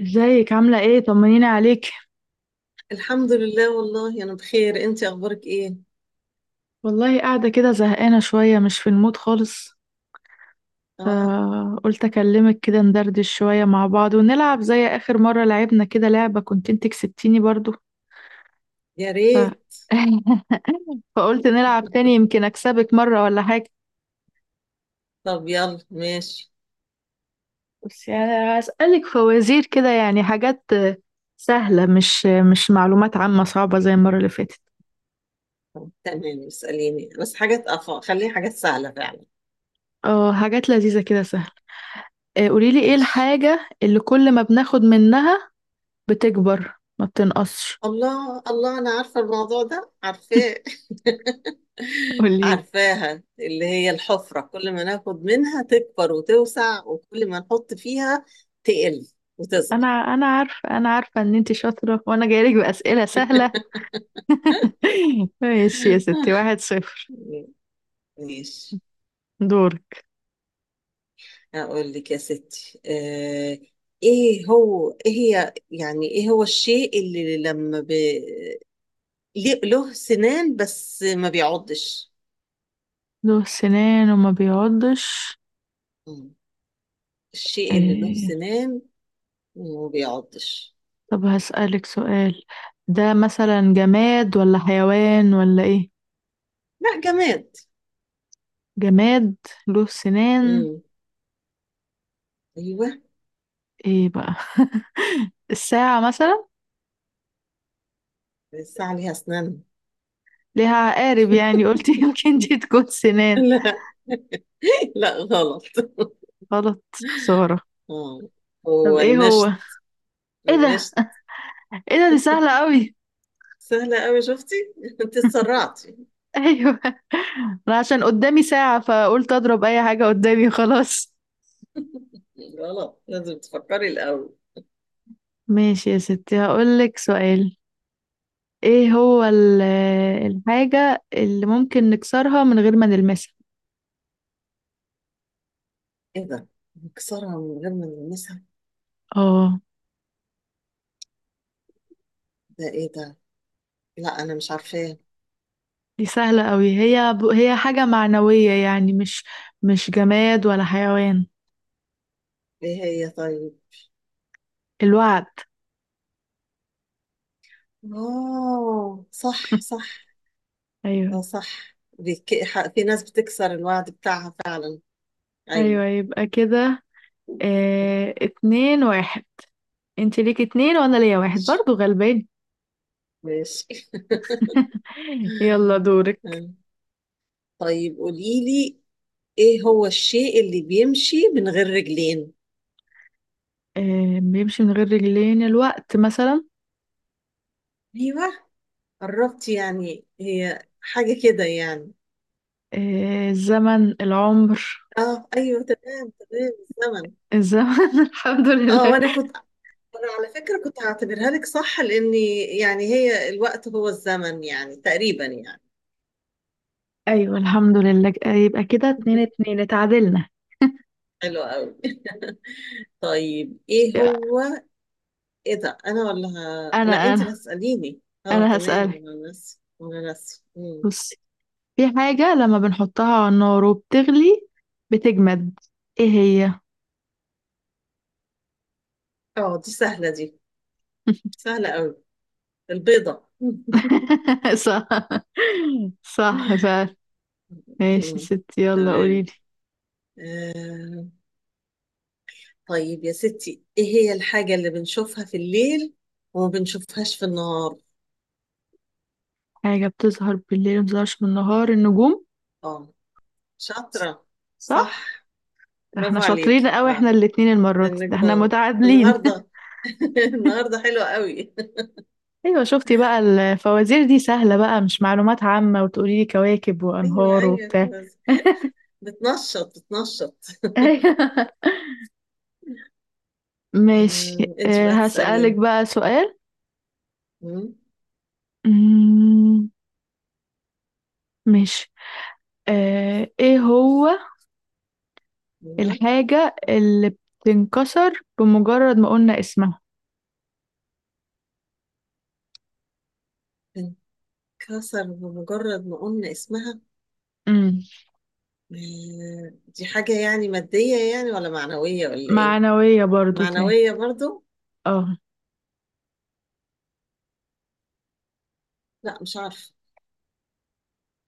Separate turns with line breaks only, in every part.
ازيك؟ عاملة ايه؟ طمنيني عليك.
الحمد لله، والله أنا بخير. أنت أخبارك إيه؟
والله قاعدة كده زهقانة شوية، مش في المود خالص.
آه.
فقلت اكلمك كده ندردش شوية مع بعض ونلعب زي اخر مرة لعبنا كده لعبة كنت انت كسبتيني برضو.
يا
ف...
ريت.
فقلت نلعب تاني يمكن اكسبك مرة ولا حاجة.
طب يلا ماشي.
بس يعني هسألك فوازير كده، يعني حاجات سهلة، مش معلومات عامة صعبة زي المرة اللي فاتت.
تمام، اسأليني، بس حاجات خليه حاجات سهلة فعلا.
اه حاجات لذيذة كده سهلة. آه، قوليلي ايه
ماشي.
الحاجة اللي كل ما بناخد منها بتكبر ما بتنقصش؟
الله الله، أنا عارفة الموضوع ده، عارفاه.
قولي.
عارفاها، اللي هي الحفرة كل ما ناخد منها تكبر وتوسع، وكل ما نحط فيها تقل
انا
وتصغر.
انا عارفه انا عارفه ان انتي شاطره وانا جايلك باسئله سهله. ماشي يا ستي، 1-0.
ماشي.
دورك.
أقول لك يا ستي، إيه هو إيه هي يعني إيه هو الشيء اللي له سنان بس ما بيعضش.
له سنان وما بيعضش؟
مم. الشيء اللي له
إيه.
سنان وما بيعضش.
طب هسألك سؤال، ده مثلا جماد ولا حيوان ولا ايه؟
لا، جماد.
جماد، له سنان.
مم. أيوه.
ايه بقى؟ الساعة مثلا،
الساعة ليها أسنان؟
ليها عقارب يعني، قلت يمكن دي تكون سنان.
لا، لا غلط.
غلط، خسارة.
آه،
طب
هو
ايه هو؟
المشط.
ايه ده؟
المشط.
ايه ده، دي سهلة قوي.
سهلة أوي، شفتي؟ أنت اتسرعتي.
ايوه، انا عشان قدامي ساعة فقلت اضرب اي حاجة قدامي خلاص.
غلط، لازم تفكري الأول.
ماشي يا ستي، هقولك سؤال. ايه هو الحاجة اللي ممكن نكسرها من غير ما نلمسها؟
ايه ده؟ مكسرها من غير ما نلمسها؟
اه
ده ايه ده؟ لا، انا مش عارفاه.
دي سهلة قوي، هي حاجة معنوية يعني، مش جماد ولا حيوان.
ايه هي طيب؟
الوعد.
اوه، صح صح.
ايوه،
اه صح، في ناس بتكسر الوعد بتاعها فعلا. ايوه.
ايوه، يبقى كده 2-1. انت ليك اتنين وانا ليا واحد، برضو غلبان.
ماشي
يلا دورك.
طيب قولي لي، ايه هو الشيء اللي بيمشي من غير رجلين؟
آه، بيمشي من غير رجلين؟ الوقت مثلا.
ايوه، قربت يعني، هي حاجة كده يعني.
آه، الزمن، العمر.
اه ايوه، تمام تمام، الزمن.
الزمن. الحمد
اه
لله.
وانا كنت، انا على فكرة كنت هعتبرها لك صح، لاني يعني هي الوقت هو الزمن يعني تقريبا يعني.
ايوه الحمد لله، يبقى كده اتنين اتنين اتعادلنا.
حلو قوي. طيب ايه هو؟ ايه ده؟ انا ولا
انا
لا، انت
انا
اللي هتسأليني. اه
انا
تمام،
هسألك.
انا ناسي انا ناسي. مم.
بصي، في حاجة لما بنحطها على النار وبتغلي بتجمد، ايه هي؟
اه دي سهلة دي، سهلة قوي. البيضة.
صح، صح فعلا. ماشي يا
مم.
ستي، يلا
تمام.
قوليلي.
آه. طيب يا ستي، ايه هي الحاجة اللي بنشوفها في الليل وما بنشوفهاش في النهار؟
حاجة بتظهر بالليل ومبتظهرش بالنهار؟ النجوم.
اه، شاطرة. صح.
صح. ده احنا
برافو
شاطرين
عليكي،
قوي، احنا
اه.
الاتنين المرة دي، ده احنا
النجوم.
متعادلين.
النهارده النهارده حلوه قوي.
ايوه شفتي بقى؟ الفوازير دي سهلة بقى، مش معلومات عامة وتقولي لي كواكب
ايوه
وانهار
ايوه،
وبتاع.
بس بتنشط بتنشط.
ايوه ماشي،
انت
اه
بقى
هسألك
تسألين.
بقى سؤال.
مم.
مم، ماشي. اه ايه هو
ايوه.
الحاجة اللي بتنكسر بمجرد ما قلنا اسمها؟
انكسر بمجرد ما قلنا اسمها؟
مم،
دي حاجة يعني مادية يعني ولا معنوية ولا ايه؟
معنوية برضو تاني.
معنوية برضو.
اه.
لا، مش عارفة.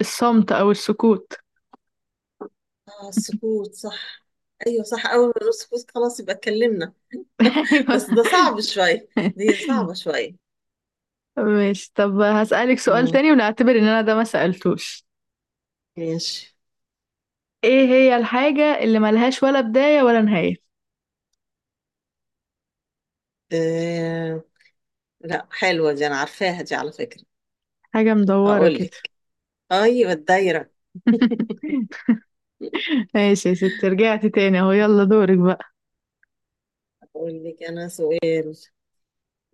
الصمت او السكوت.
اه، السكوت، صح. ايوه صح، اول ما نقول سكوت خلاص يبقى اتكلمنا. بس ده صعب شوية،
ايوه.
دي صعبة شوية.
ماشي، طب هسألك سؤال
مم،
تاني ونعتبر ان انا ده ما سألتوش.
ماشي.
ايه هي الحاجة اللي ملهاش ولا بداية ولا نهاية؟
آه لا، حلوة دي، أنا عارفاها دي على فكرة.
حاجة مدورة
أقول
كده.
لك. أيوة، الدايرة.
ماشي يا ستي، رجعت تاني اهو. يلا دورك بقى.
أقول لك أنا سؤال.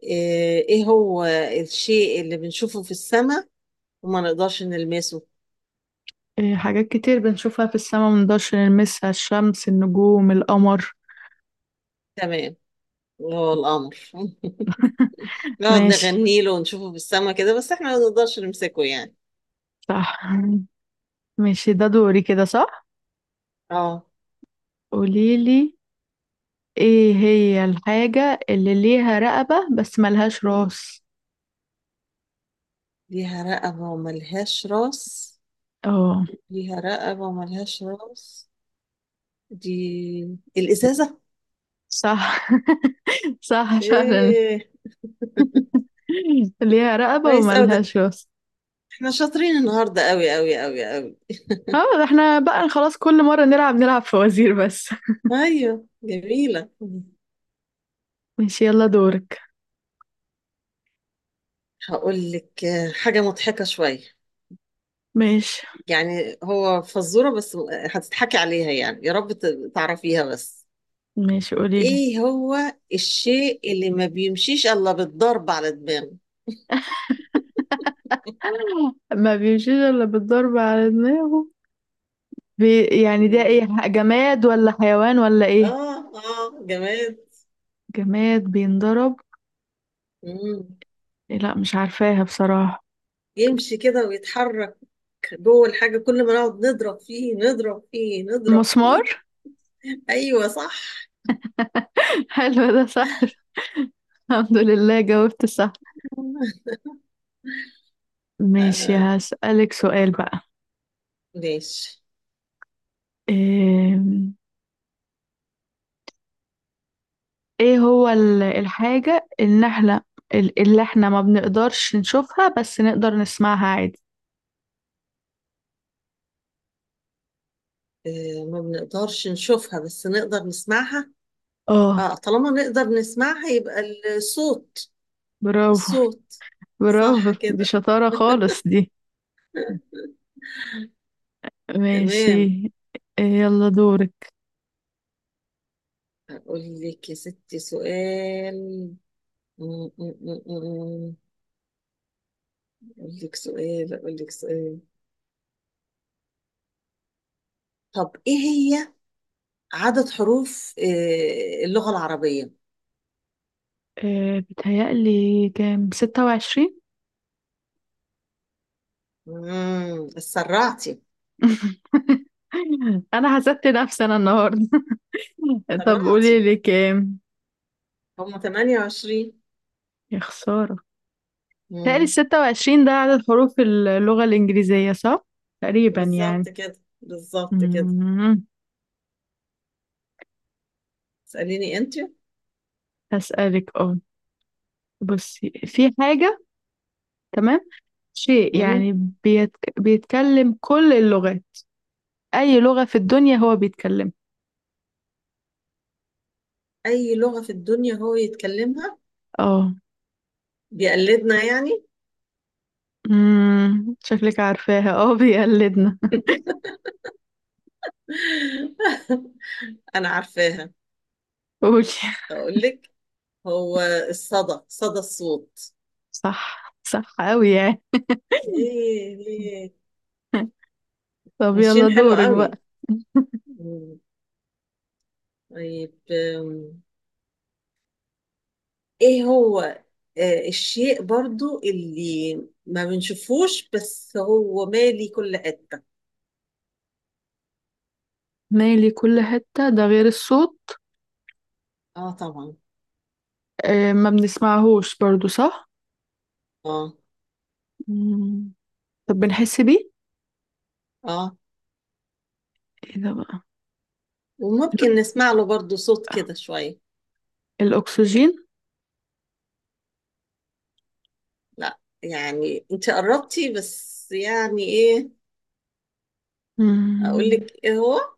آه إيه هو الشيء اللي بنشوفه في السماء وما نقدرش نلمسه؟
إيه، حاجات كتير بنشوفها في السماء منقدرش نلمسها، الشمس، النجوم، القمر.
تمام، وهو القمر نقعد
ماشي.
نغني له ونشوفه في السماء كده، بس إحنا ما نقدرش نمسكه يعني.
صح. ماشي ده دوري كده صح؟
آه
قوليلي، ايه هي الحاجة اللي ليها رقبة بس ملهاش راس؟
ليها رقبة وملهاش راس.
اه
ليها رقبة وملهاش راس، دي الإزازة.
صح. صح فعلا،
إيه.
ليها رقبة
كويس أوي ده،
وملهاش راس.
احنا شاطرين النهارده قوي قوي قوي قوي.
اه ده احنا بقى خلاص، كل مرة نلعب فوازير بس.
ايوه، جميله.
ماشي يلا دورك.
هقول لك، حاجه مضحكه شويه.
ماشي.
يعني هو فزوره، بس هتضحكي عليها يعني، يا رب تعرفيها بس.
ماشي قوليلي.
ايه هو الشيء اللي ما بيمشيش الا بالضرب على دماغه؟
ما بيمشيش الا بالضرب على دماغه؟ يعني ده ايه،
مم.
جماد ولا حيوان ولا ايه؟
اه اه، جماد.
جماد بينضرب.
مم.
إيه، لا مش عارفاها بصراحة.
يمشي كده ويتحرك جوه الحاجه، كل ما نقعد نضرب فيه نضرب فيه نضرب
مسمار.
فيه. ايوه صح.
حلو ده صح. الحمد لله جاوبت صح. ماشي
آه.
هسألك سؤال بقى.
ماشي.
إيه... ايه هو الحاجة اللي احنا اللي احنا ما بنقدرش نشوفها بس نقدر نسمعها عادي؟
ما بنقدرش نشوفها بس نقدر نسمعها.
اه.
اه، طالما نقدر نسمعها يبقى الصوت.
برافو،
الصوت.
برافو،
صح
دي
كده.
شطارة خالص دي. ماشي.
تمام.
إيه يلا دورك.
اقول لك يا ستي سؤال. م- م- م- م- اقول لك سؤال. طب ايه هي عدد حروف اللغة العربية؟
إيه بتهيألي كام، 26؟
سرعتي
انا حسدت نفسي انا النهاردة. طب قولي
سرعتي.
لي كام؟
هم 28.
يا خسارة. بتهيألي
امم
26 ده عدد حروف اللغة الإنجليزية صح؟ تقريبا يعني.
بالظبط كده بالظبط كده.
أمم،
اسأليني انت.
هسألك اه. بصي في حاجة، تمام، شيء
مم.
يعني بيتكلم كل اللغات، أي لغة في الدنيا هو بيتكلم.
اي لغة في الدنيا هو يتكلمها؟
اه.
بيقلدنا يعني.
شكلك عارفاها، اه بيقلدنا.
انا عارفاها.
قولي.
اقول لك، هو الصدى، صدى الصوت.
صح، صح أوي يعني.
ايه ايه.
طب يلا
ماشيين، حلو
دورك بقى.
قوي. مم. طيب ايه هو الشيء برضو اللي ما بنشوفوش بس هو مالي كل حتة.
مالي كل حتة، ده غير الصوت؟
اه طبعا.
آه ما بنسمعهوش برضو صح.
اه
مم. طب بنحس بيه،
اه،
ايه ده بقى؟ ال-
وممكن نسمع له برضو صوت كده شوية.
الأكسجين.
لا، يعني انت قربتي بس، يعني ايه؟ اقول
مم.
لك ايه هو.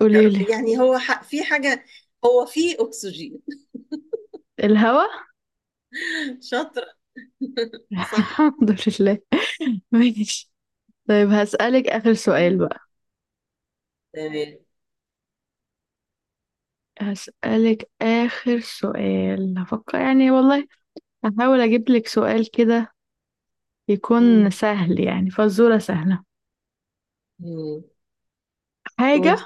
قوليلي.
يعني هو في حاجه. هو في اكسجين.
الهوا.
شاطره. صح.
الحمد لله. ماشي. طيب هسألك آخر سؤال
مم.
بقى.
تمام.
هسألك آخر سؤال، هفكر يعني والله، هحاول أجيب لك سؤال كده يكون
مم.
سهل يعني، فزورة سهلة.
مم.
حاجة
قولي.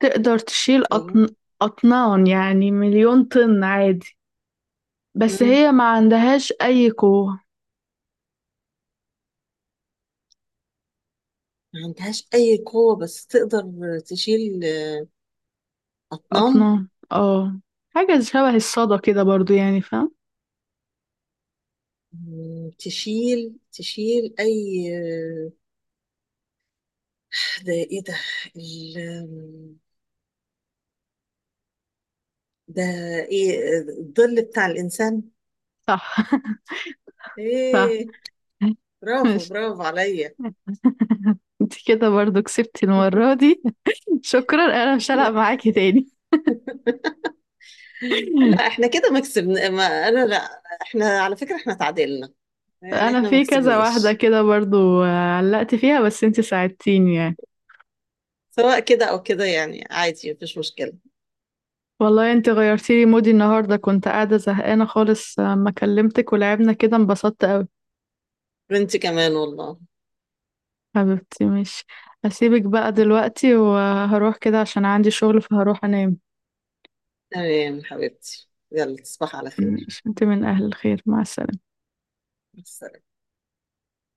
تقدر تشيل
ايوه.
أطنان، يعني 1,000,000 طن عادي، بس
مم.
هي ما عندهاش أي قوة.
ما عندهاش اي قوه بس تقدر تشيل اطنان.
أطنان اه. حاجة شبه الصدى كده برضو يعني، فاهم؟
مم. تشيل تشيل اي؟ ده ايه ده؟ ال... ده ايه، الظل بتاع الانسان.
صح. صح.
ايه. برافو
ماشي.
برافو عليا.
انت كده برضو كسبتي المرة دي. شكرا، انا مش هلعب
لا
معاكي تاني.
لا، احنا كده ما كسبنا ما، انا لا، احنا على فكرة احنا تعادلنا، يعني
انا
احنا ما
في كذا واحده
كسبناش.
كده برضو آه، علقت فيها بس انت ساعدتيني يعني.
سواء كده او كده يعني عادي، مفيش مشكلة.
والله انت غيرتي لي مودي النهارده، كنت قاعده زهقانه خالص آه، ما كلمتك ولعبنا كده انبسطت قوي.
وانت كمان، والله.
حبيبتي ماشي، هسيبك بقى دلوقتي وهروح كده عشان عندي شغل، فهروح انام.
تمام حبيبتي، يلا تصبح على خير.
ماشي، انت من اهل الخير، مع السلامه.
مع السلامة.